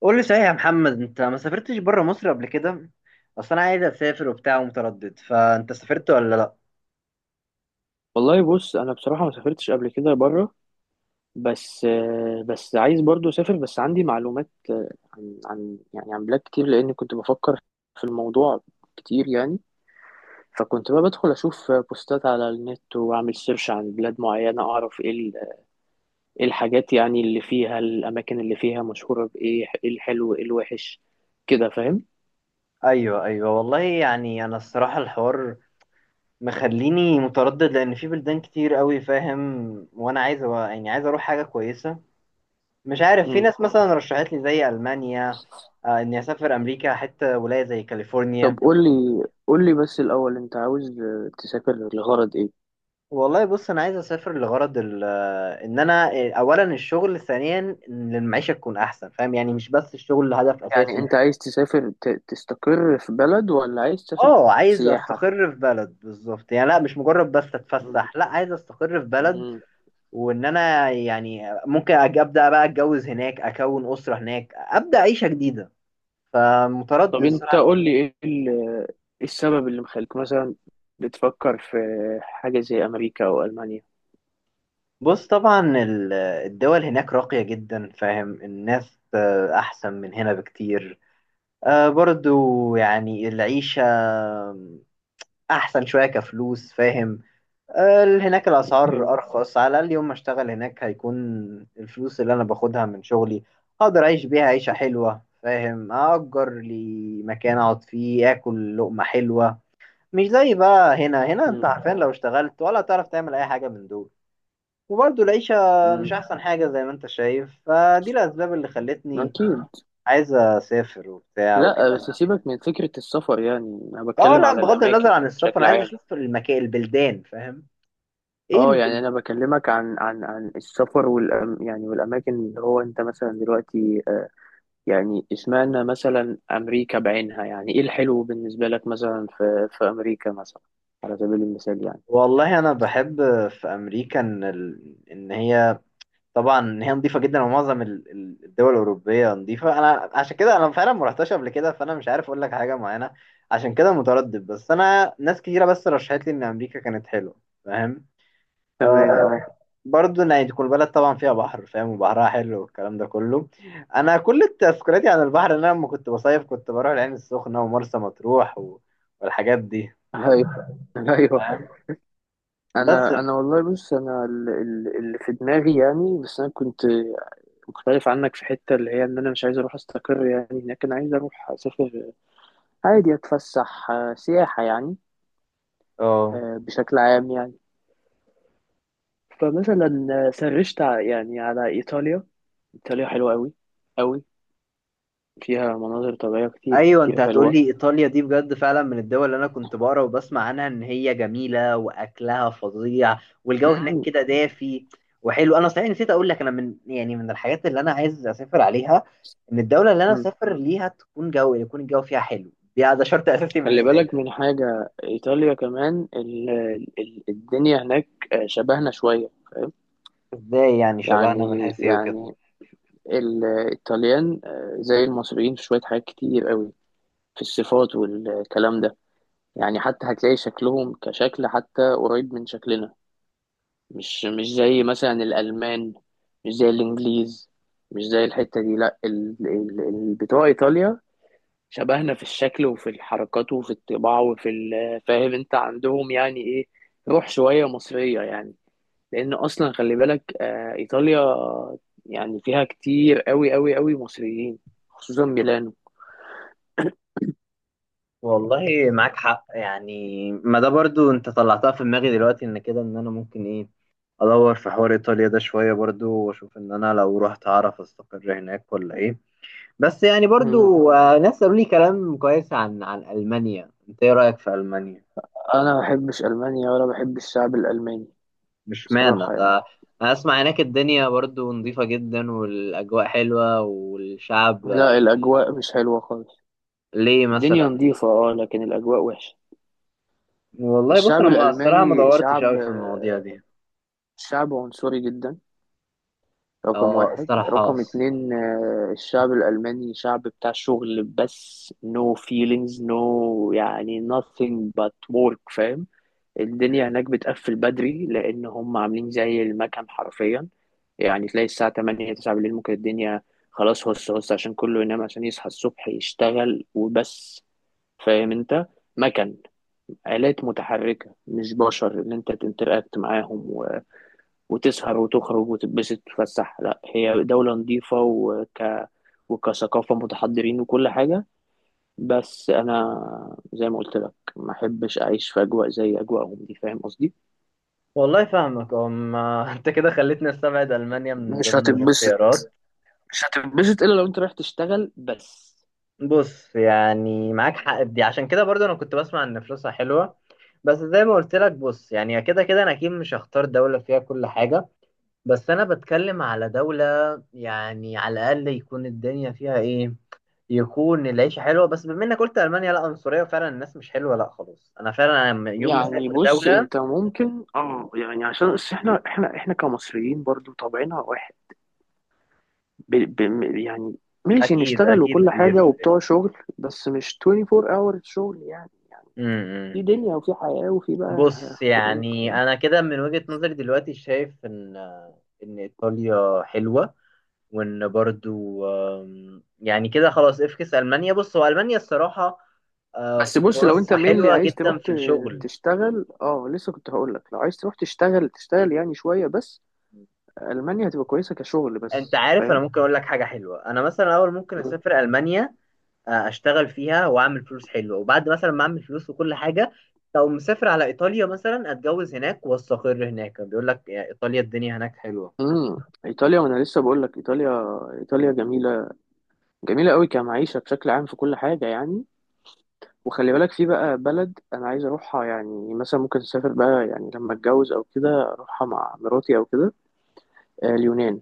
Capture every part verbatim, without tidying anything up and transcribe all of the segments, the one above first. قول لي صحيح يا محمد، انت ما سافرتش بره مصر قبل كده؟ اصل انا عايز اسافر وبتاع ومتردد، فانت سافرت ولا لا؟ والله بص، انا بصراحه ما سافرتش قبل كده بره. بس آه، بس عايز برضو اسافر. بس عندي معلومات آه، عن عن يعني عن بلاد كتير لان كنت بفكر في الموضوع كتير يعني. فكنت بقى بدخل اشوف بوستات على النت واعمل سيرش عن بلاد معينه اعرف ايه ال- إيه الحاجات، يعني اللي فيها الاماكن اللي فيها مشهوره بايه، ايه الحلو ايه الوحش، كده فاهم. ايوه ايوه، والله يعني انا الصراحه الحوار مخليني متردد، لان في بلدان كتير قوي فاهم. وانا عايز أ- يعني عايز اروح حاجه كويسه. مش عارف، في مم. ناس مثلا رشحت لي زي المانيا. آه، اني اسافر امريكا، حتى ولايه زي طب كاليفورنيا. قول لي قول لي بس الاول، انت عاوز آه، تسافر لغرض ايه؟ والله بص، انا عايز اسافر لغرض ال- آه، ان انا آه، اولا الشغل، ثانيا ان المعيشه تكون احسن. فاهم يعني مش بس الشغل هدف يعني اساسي. انت عايز تسافر، ت- تستقر في بلد ولا عايز تسافر اه، عايز سياحة؟ استقر في بلد بالظبط، يعني لا مش مجرد بس مم. اتفسح، لا عايز استقر في بلد. مم. وان انا يعني ممكن أج- ابدا بقى، اتجوز هناك، اكون اسره هناك، ابدا عيشه جديده. طب فمتردد انت قول صراحه. لي، ايه ال- ايه السبب اللي مخليك مثلا بتفكر في حاجة زي امريكا او المانيا؟ بص طبعا ال- الدول هناك راقيه جدا فاهم، الناس آه، احسن من هنا بكتير. آه، برضو يعني العيشه احسن شويه كفلوس فاهم. ال- هناك اوكي. الأسعار أرخص، على الأقل يوم ما أشتغل هناك هيكون الفلوس اللي أنا باخدها من شغلي أقدر أعيش بيها عيشة حلوة فاهم. أأجر لي مكان أقعد فيه، آكل لقمة حلوة، مش زي بقى هنا هنا أنت مم. عارفين، لو اشتغلت ولا تعرف تعمل أي حاجة من دول. وبرضه العيشة مش مم. أحسن حاجة زي ما أنت شايف. فدي الأسباب اللي خلتني اكيد. عايز أسافر وبتاع لا، بس وكده. سيبك من فكرة السفر، يعني انا أه بتكلم لا، على بغض النظر الاماكن عن السفر بشكل أنا عايز عام. أشوف المكان البلدان فاهم ايه. اه، يعني انا بكلمك عن عن عن السفر والأم يعني والاماكن اللي هو انت مثلا دلوقتي، آه، يعني اشمعنى مثلا أمريكا بعينها؟ يعني إيه الحلو بالنسبة لك مثلا في في أمريكا مثلا، على سبيل المثال يعني. والله انا بحب في امريكا ان ال... ان هي طبعا ان هي نظيفه جدا. ومعظم ال- ال- الدول الاوروبيه نظيفه. انا عشان كده انا فعلا ما رحتش قبل كده، فانا مش عارف اقول لك حاجه معينه. عشان كده متردد. بس انا ناس كتيره بس رشحت لي ان امريكا كانت حلوه فاهم. تمام، آه اه. برضه ان يعني تكون البلد طبعا فيها بحر فاهم، وبحرها حلو والكلام ده كله. انا كل تذكرياتي عن البحر ان انا لما كنت بصيف كنت بروح العين السخنه ومرسى مطروح و... والحاجات دي ايوه، ايوه. فاهم. بس انا انا والله بص، انا ال- ال- اللي في دماغي يعني، بس انا كنت مختلف عنك في حته اللي هي ان انا مش عايز اروح استقر يعني هناك، انا عايز اروح اسافر عادي، اتفسح آه، سياحه يعني، اه، آه، بشكل عام يعني. فمثلا آه، سرشت ع- يعني على ايطاليا. ايطاليا حلوه قوي، فيها مناظر طبيعية كتير ايوه. كتير انت هتقول حلوة. لي ايطاليا، دي بجد فعلا من الدول اللي انا كنت بقرا وبسمع عنها ان هي جميله واكلها فظيع والجو هناك مم. كده دافي وحلو. انا صحيح نسيت اقول لك، انا من يعني من الحاجات اللي انا عايز اسافر عليها، ان الدوله اللي انا مم. اسافر ليها تكون جو يكون الجو فيها حلو. دي ده شرط اساسي خلي بالنسبه لي. بالك من حاجة، إيطاليا كمان ال ال الدنيا هناك، آه، شبهنا شوية، فاهم؟ ازاي يعني شبهنا، من يعني حيث ايه وكده؟ يعني الإيطاليان آه، زي المصريين في شوية حاجات كتير قوي، في الصفات والكلام ده. يعني حتى هتلاقي شكلهم كشكل حتى قريب من شكلنا. مش مش زي مثلا الألمان، مش زي الإنجليز، مش زي الحتة دي، لا ال- ال- ال- بتوع إيطاليا شبهنا في الشكل وفي الحركات وفي الطباع وفي ال- فاهم انت عندهم يعني ايه؟ روح شوية مصرية يعني. لان اصلا خلي بالك، آه، ايطاليا يعني فيها كتير قوي قوي قوي مصريين، خصوصا ميلانو. والله معاك حق، يعني ما ده برضو انت طلعتها في دماغي دلوقتي، ان كده ان انا ممكن ايه ادور في حوار ايطاليا ده شويه برضو، واشوف ان انا لو رحت اعرف استقر هناك ولا ايه. بس يعني مم. برضو آه، ناس قالوا لي كلام كويس عن عن المانيا. انت ايه رايك في المانيا؟ انا ما بحبش المانيا ولا بحب الشعب الالماني، مش معنى بصراحة يعني. ده. انا اسمع هناك الدنيا برضو نظيفه جدا والاجواء حلوه والشعب لا، آه، الاجواء مش حلوة خالص. ليه الدنيا مثلا؟ نظيفة اه لكن الاجواء وحشة. والله بص الشعب انا ما- الصراحه ما الالماني دورتش شعب قوي في آه، المواضيع دي. شعب عنصري جدا. رقم اه واحد، الصراحه. رقم اتنين، آه، الشعب الألماني شعب بتاع شغل بس، no feelings، no. يعني nothing but work، فاهم. الدنيا هناك بتقفل بدري لأن هم عاملين زي المكن حرفيا. يعني تلاقي الساعة تمانية تسعة بالليل ممكن الدنيا خلاص هص هص، عشان كله ينام عشان يصحى الصبح يشتغل وبس، فاهم انت؟ مكن، آلات متحركة، مش بشر اللي انت تنتراكت معاهم وتسهر وتخرج وتتبسط وتتفسح. لا، هي دولة نظيفة وك... وكثقافة متحضرين وكل حاجة، بس أنا زي ما قلت لك ما أحبش أعيش في أجواء زي أجواءهم دي، فاهم قصدي؟ والله فاهمك. أم انت كده خليتني استبعد المانيا من مش ضمن هتتبسط، الاختيارات. مش هتتبسط إلا لو أنت رايح تشتغل بس. بص يعني معاك حق في دي، عشان كده برضو انا كنت بسمع ان فلوسها حلوه. بس زي ما قلت لك بص، يعني كده كده انا اكيد مش هختار دوله فيها كل حاجه، بس انا بتكلم على دوله يعني على الاقل يكون الدنيا فيها ايه، يكون العيشه حلوه. بس بما انك قلت المانيا لا عنصريه وفعلا الناس مش حلوه، لا خلاص انا فعلا لما- يوم ما يعني اسافر بص، دوله. أنت ممكن آه يعني، عشان بس إحنا، إحنا إحنا كمصريين برضو طبعنا واحد، ب... ب... يعني ماشي، اكيد نشتغل اكيد وكل حاجة بيفرق. وبتوع شغل، بس مش أربعة وعشرين hours شغل يعني، في امم دنيا وفي حياة وفي بقى بص خروج، يعني فاهم؟ انا كده من وجهه نظري دلوقتي شايف ان ان ايطاليا حلوه، وان برضو، آم، يعني كده خلاص افكس المانيا. بص هو المانيا الصراحه آه، بس بص، لو انت فرصها مينلي حلوه عايز تروح جدا في ت- الشغل. تشتغل، اه لسه كنت هقول لك، لو عايز تروح تشتغل تشتغل يعني شويه بس، المانيا هتبقى كويسه كشغل انت بس، عارف انا فاهم. ممكن اقول لك حاجه حلوه، انا مثلا اول ممكن مم. اسافر المانيا، آه، اشتغل فيها واعمل فلوس حلوه، وبعد مثلا ما اعمل فلوس وكل حاجه لو مسافر على ايطاليا مثلا، اتجوز هناك واستقر هناك. بيقول لك يا ايطاليا الدنيا هناك حلوه. امم ايطاليا. وانا لسه بقول لك ايطاليا، ايطاليا جميله، جميله قوي كمعيشه بشكل عام في كل حاجه يعني. وخلي بالك في بقى بلد انا عايز اروحها، يعني مثلا ممكن اسافر بقى يعني لما اتجوز او كده اروحها مع مراتي او كده، آه، اليونان.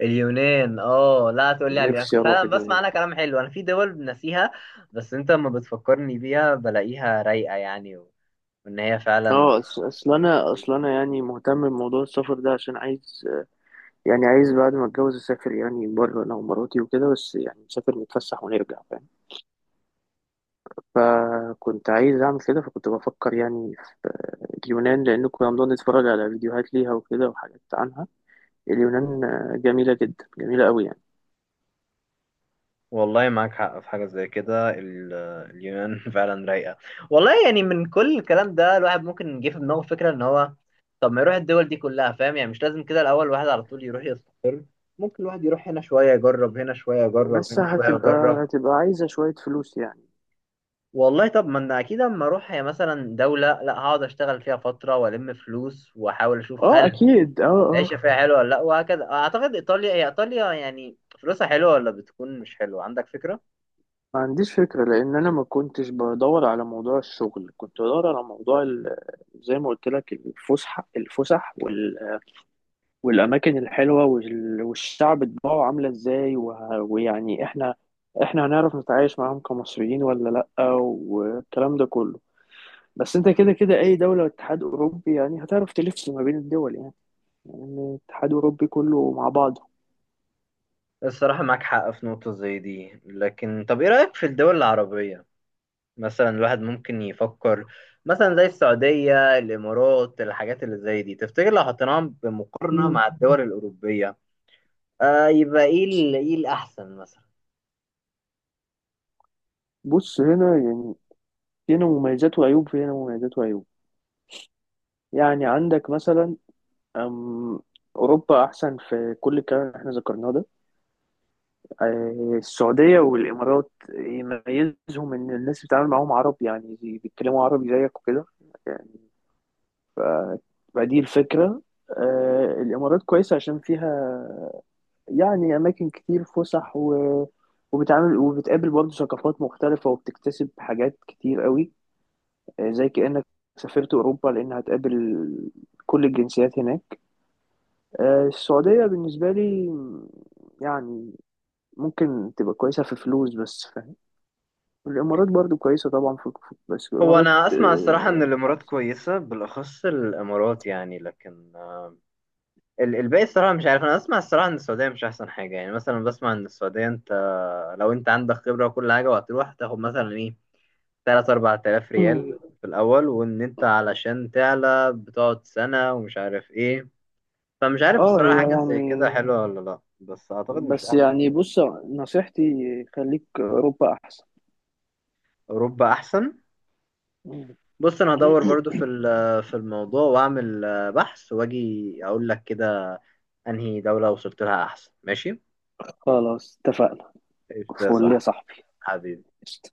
اليونان اه لا، تقول لي على اليونان، نفسي كنت اروح فعلا بسمع اليونان. عنها كلام حلو، انا في دول ناسيها. بس انت لما بتفكرني بيها، بلاقيها رايقه يعني، وان هي فعلا اه، أص- اصل انا اصل كويسة. انا يعني مهتم بموضوع السفر ده عشان عايز، يعني عايز بعد ما اتجوز اسافر يعني بره انا ومراتي وكده، بس يعني نسافر نتفسح ونرجع، فاهم. فكنت عايز اعمل كده، فكنت بفكر يعني في اليونان لان كنا بنقعد نتفرج على فيديوهات ليها وكده وحاجات عنها. اليونان آه، جميلة جدا، جميلة قوي يعني. والله معاك حق في حاجة زي كده ال- اليونان فعلا رايقة. والله يعني من كل الكلام ده الواحد ممكن يجي في دماغه فكرة ان هو، طب ما يروح الدول دي كلها فاهم. يعني مش لازم كده الاول الواحد على طول يروح يصل، ممكن الواحد يروح هنا شوية يجرب، هنا شوية يجرب، بس هنا شوية يجرب. هتبقى هتبقى عايزة شوية فلوس يعني. والله طب ما انا اكيد اما اروح هي مثلا دوله، لا هقعد اشتغل فيها فتره والم فلوس واحاول اشوف اه هل اكيد، اه اه. العيشه فيها حلوه ولا لا، وهكذا. اعتقد ايطاليا هي ايطاليا يعني، فلوسها حلوه ولا بتكون مش حلوه، عندك فكره؟ ما عنديش فكرة، لأن أنا ما كنتش بدور على موضوع الشغل، كنت بدور على موضوع ال- زي ما قلت لك، الفسح الفسح وال... والأماكن الحلوة وال... والشعب طباعه عاملة إزاي و... ويعني إحنا إحنا هنعرف نتعايش معاهم كمصريين ولا لأ، والكلام ده كله. بس أنت كده كده أي دولة اتحاد أوروبي يعني هتعرف تلف ما بين الدول يعني، يعني الاتحاد الأوروبي كله مع بعضه. الصراحه معاك حق في نقطه زي دي، لكن طب ايه رايك في الدول العربيه؟ مثلا الواحد ممكن يفكر، مثلا زي السعوديه، الامارات، الحاجات اللي زي دي، تفتكر لو حطيناهم بمقارنه مم. مع الدول الاوروبيه، آه يبقى ايه ال- ايه الاحسن مثلا؟ بص، هنا يعني، هنا مميزات وعيوب، هنا مميزات وعيوب، يعني عندك مثلا، أم أوروبا أحسن في كل الكلام اللي احنا ذكرناه ده. آه، السعودية والإمارات يميزهم إن الناس بتتعامل معاهم عربي، يعني بي- بيتكلموا عربي زيك وكده، يعني فدي الفكرة. آه، الإمارات كويسة عشان فيها يعني أماكن كتير فسح و... وبتعامل وبتقابل برضه ثقافات مختلفة وبتكتسب حاجات كتير قوي، آه، زي كأنك سافرت أوروبا لأن هتقابل كل الجنسيات هناك. آه، السعودية بالنسبة لي يعني ممكن تبقى كويسة في فلوس بس، فاهم. الإمارات برضو كويسة طبعا في في- بس هو الإمارات انا اسمع الصراحه ان آه، الامارات أحسن. كويسه بالاخص الامارات يعني، لكن آه، ال- الباقي الصراحه مش عارف. انا اسمع الصراحه ان السعوديه مش احسن حاجه، يعني مثلا بسمع ان السعوديه انت لو انت عندك خبره وكل حاجه، وهتروح تاخد مثلا ايه ثلاث 4000 مم. ريال في الاول، وان انت علشان تعلى بتقعد سنه ومش عارف ايه. فمش عارف اه هي الصراحه حاجه زي كده يعني، حلوه ولا لا، بس اعتقد مش بس احسن. يعني بص، نصيحتي خليك أوروبا أحسن. اوروبا احسن. مم. بص انا هدور برضو في ال- في الموضوع، واعمل آه، بحث واجي اقول لك كده انهي دولة وصلت لها احسن، ماشي. خلاص اتفقنا. ايش ده فول يا صح؟ صاحبي. حبيبي. قشطة.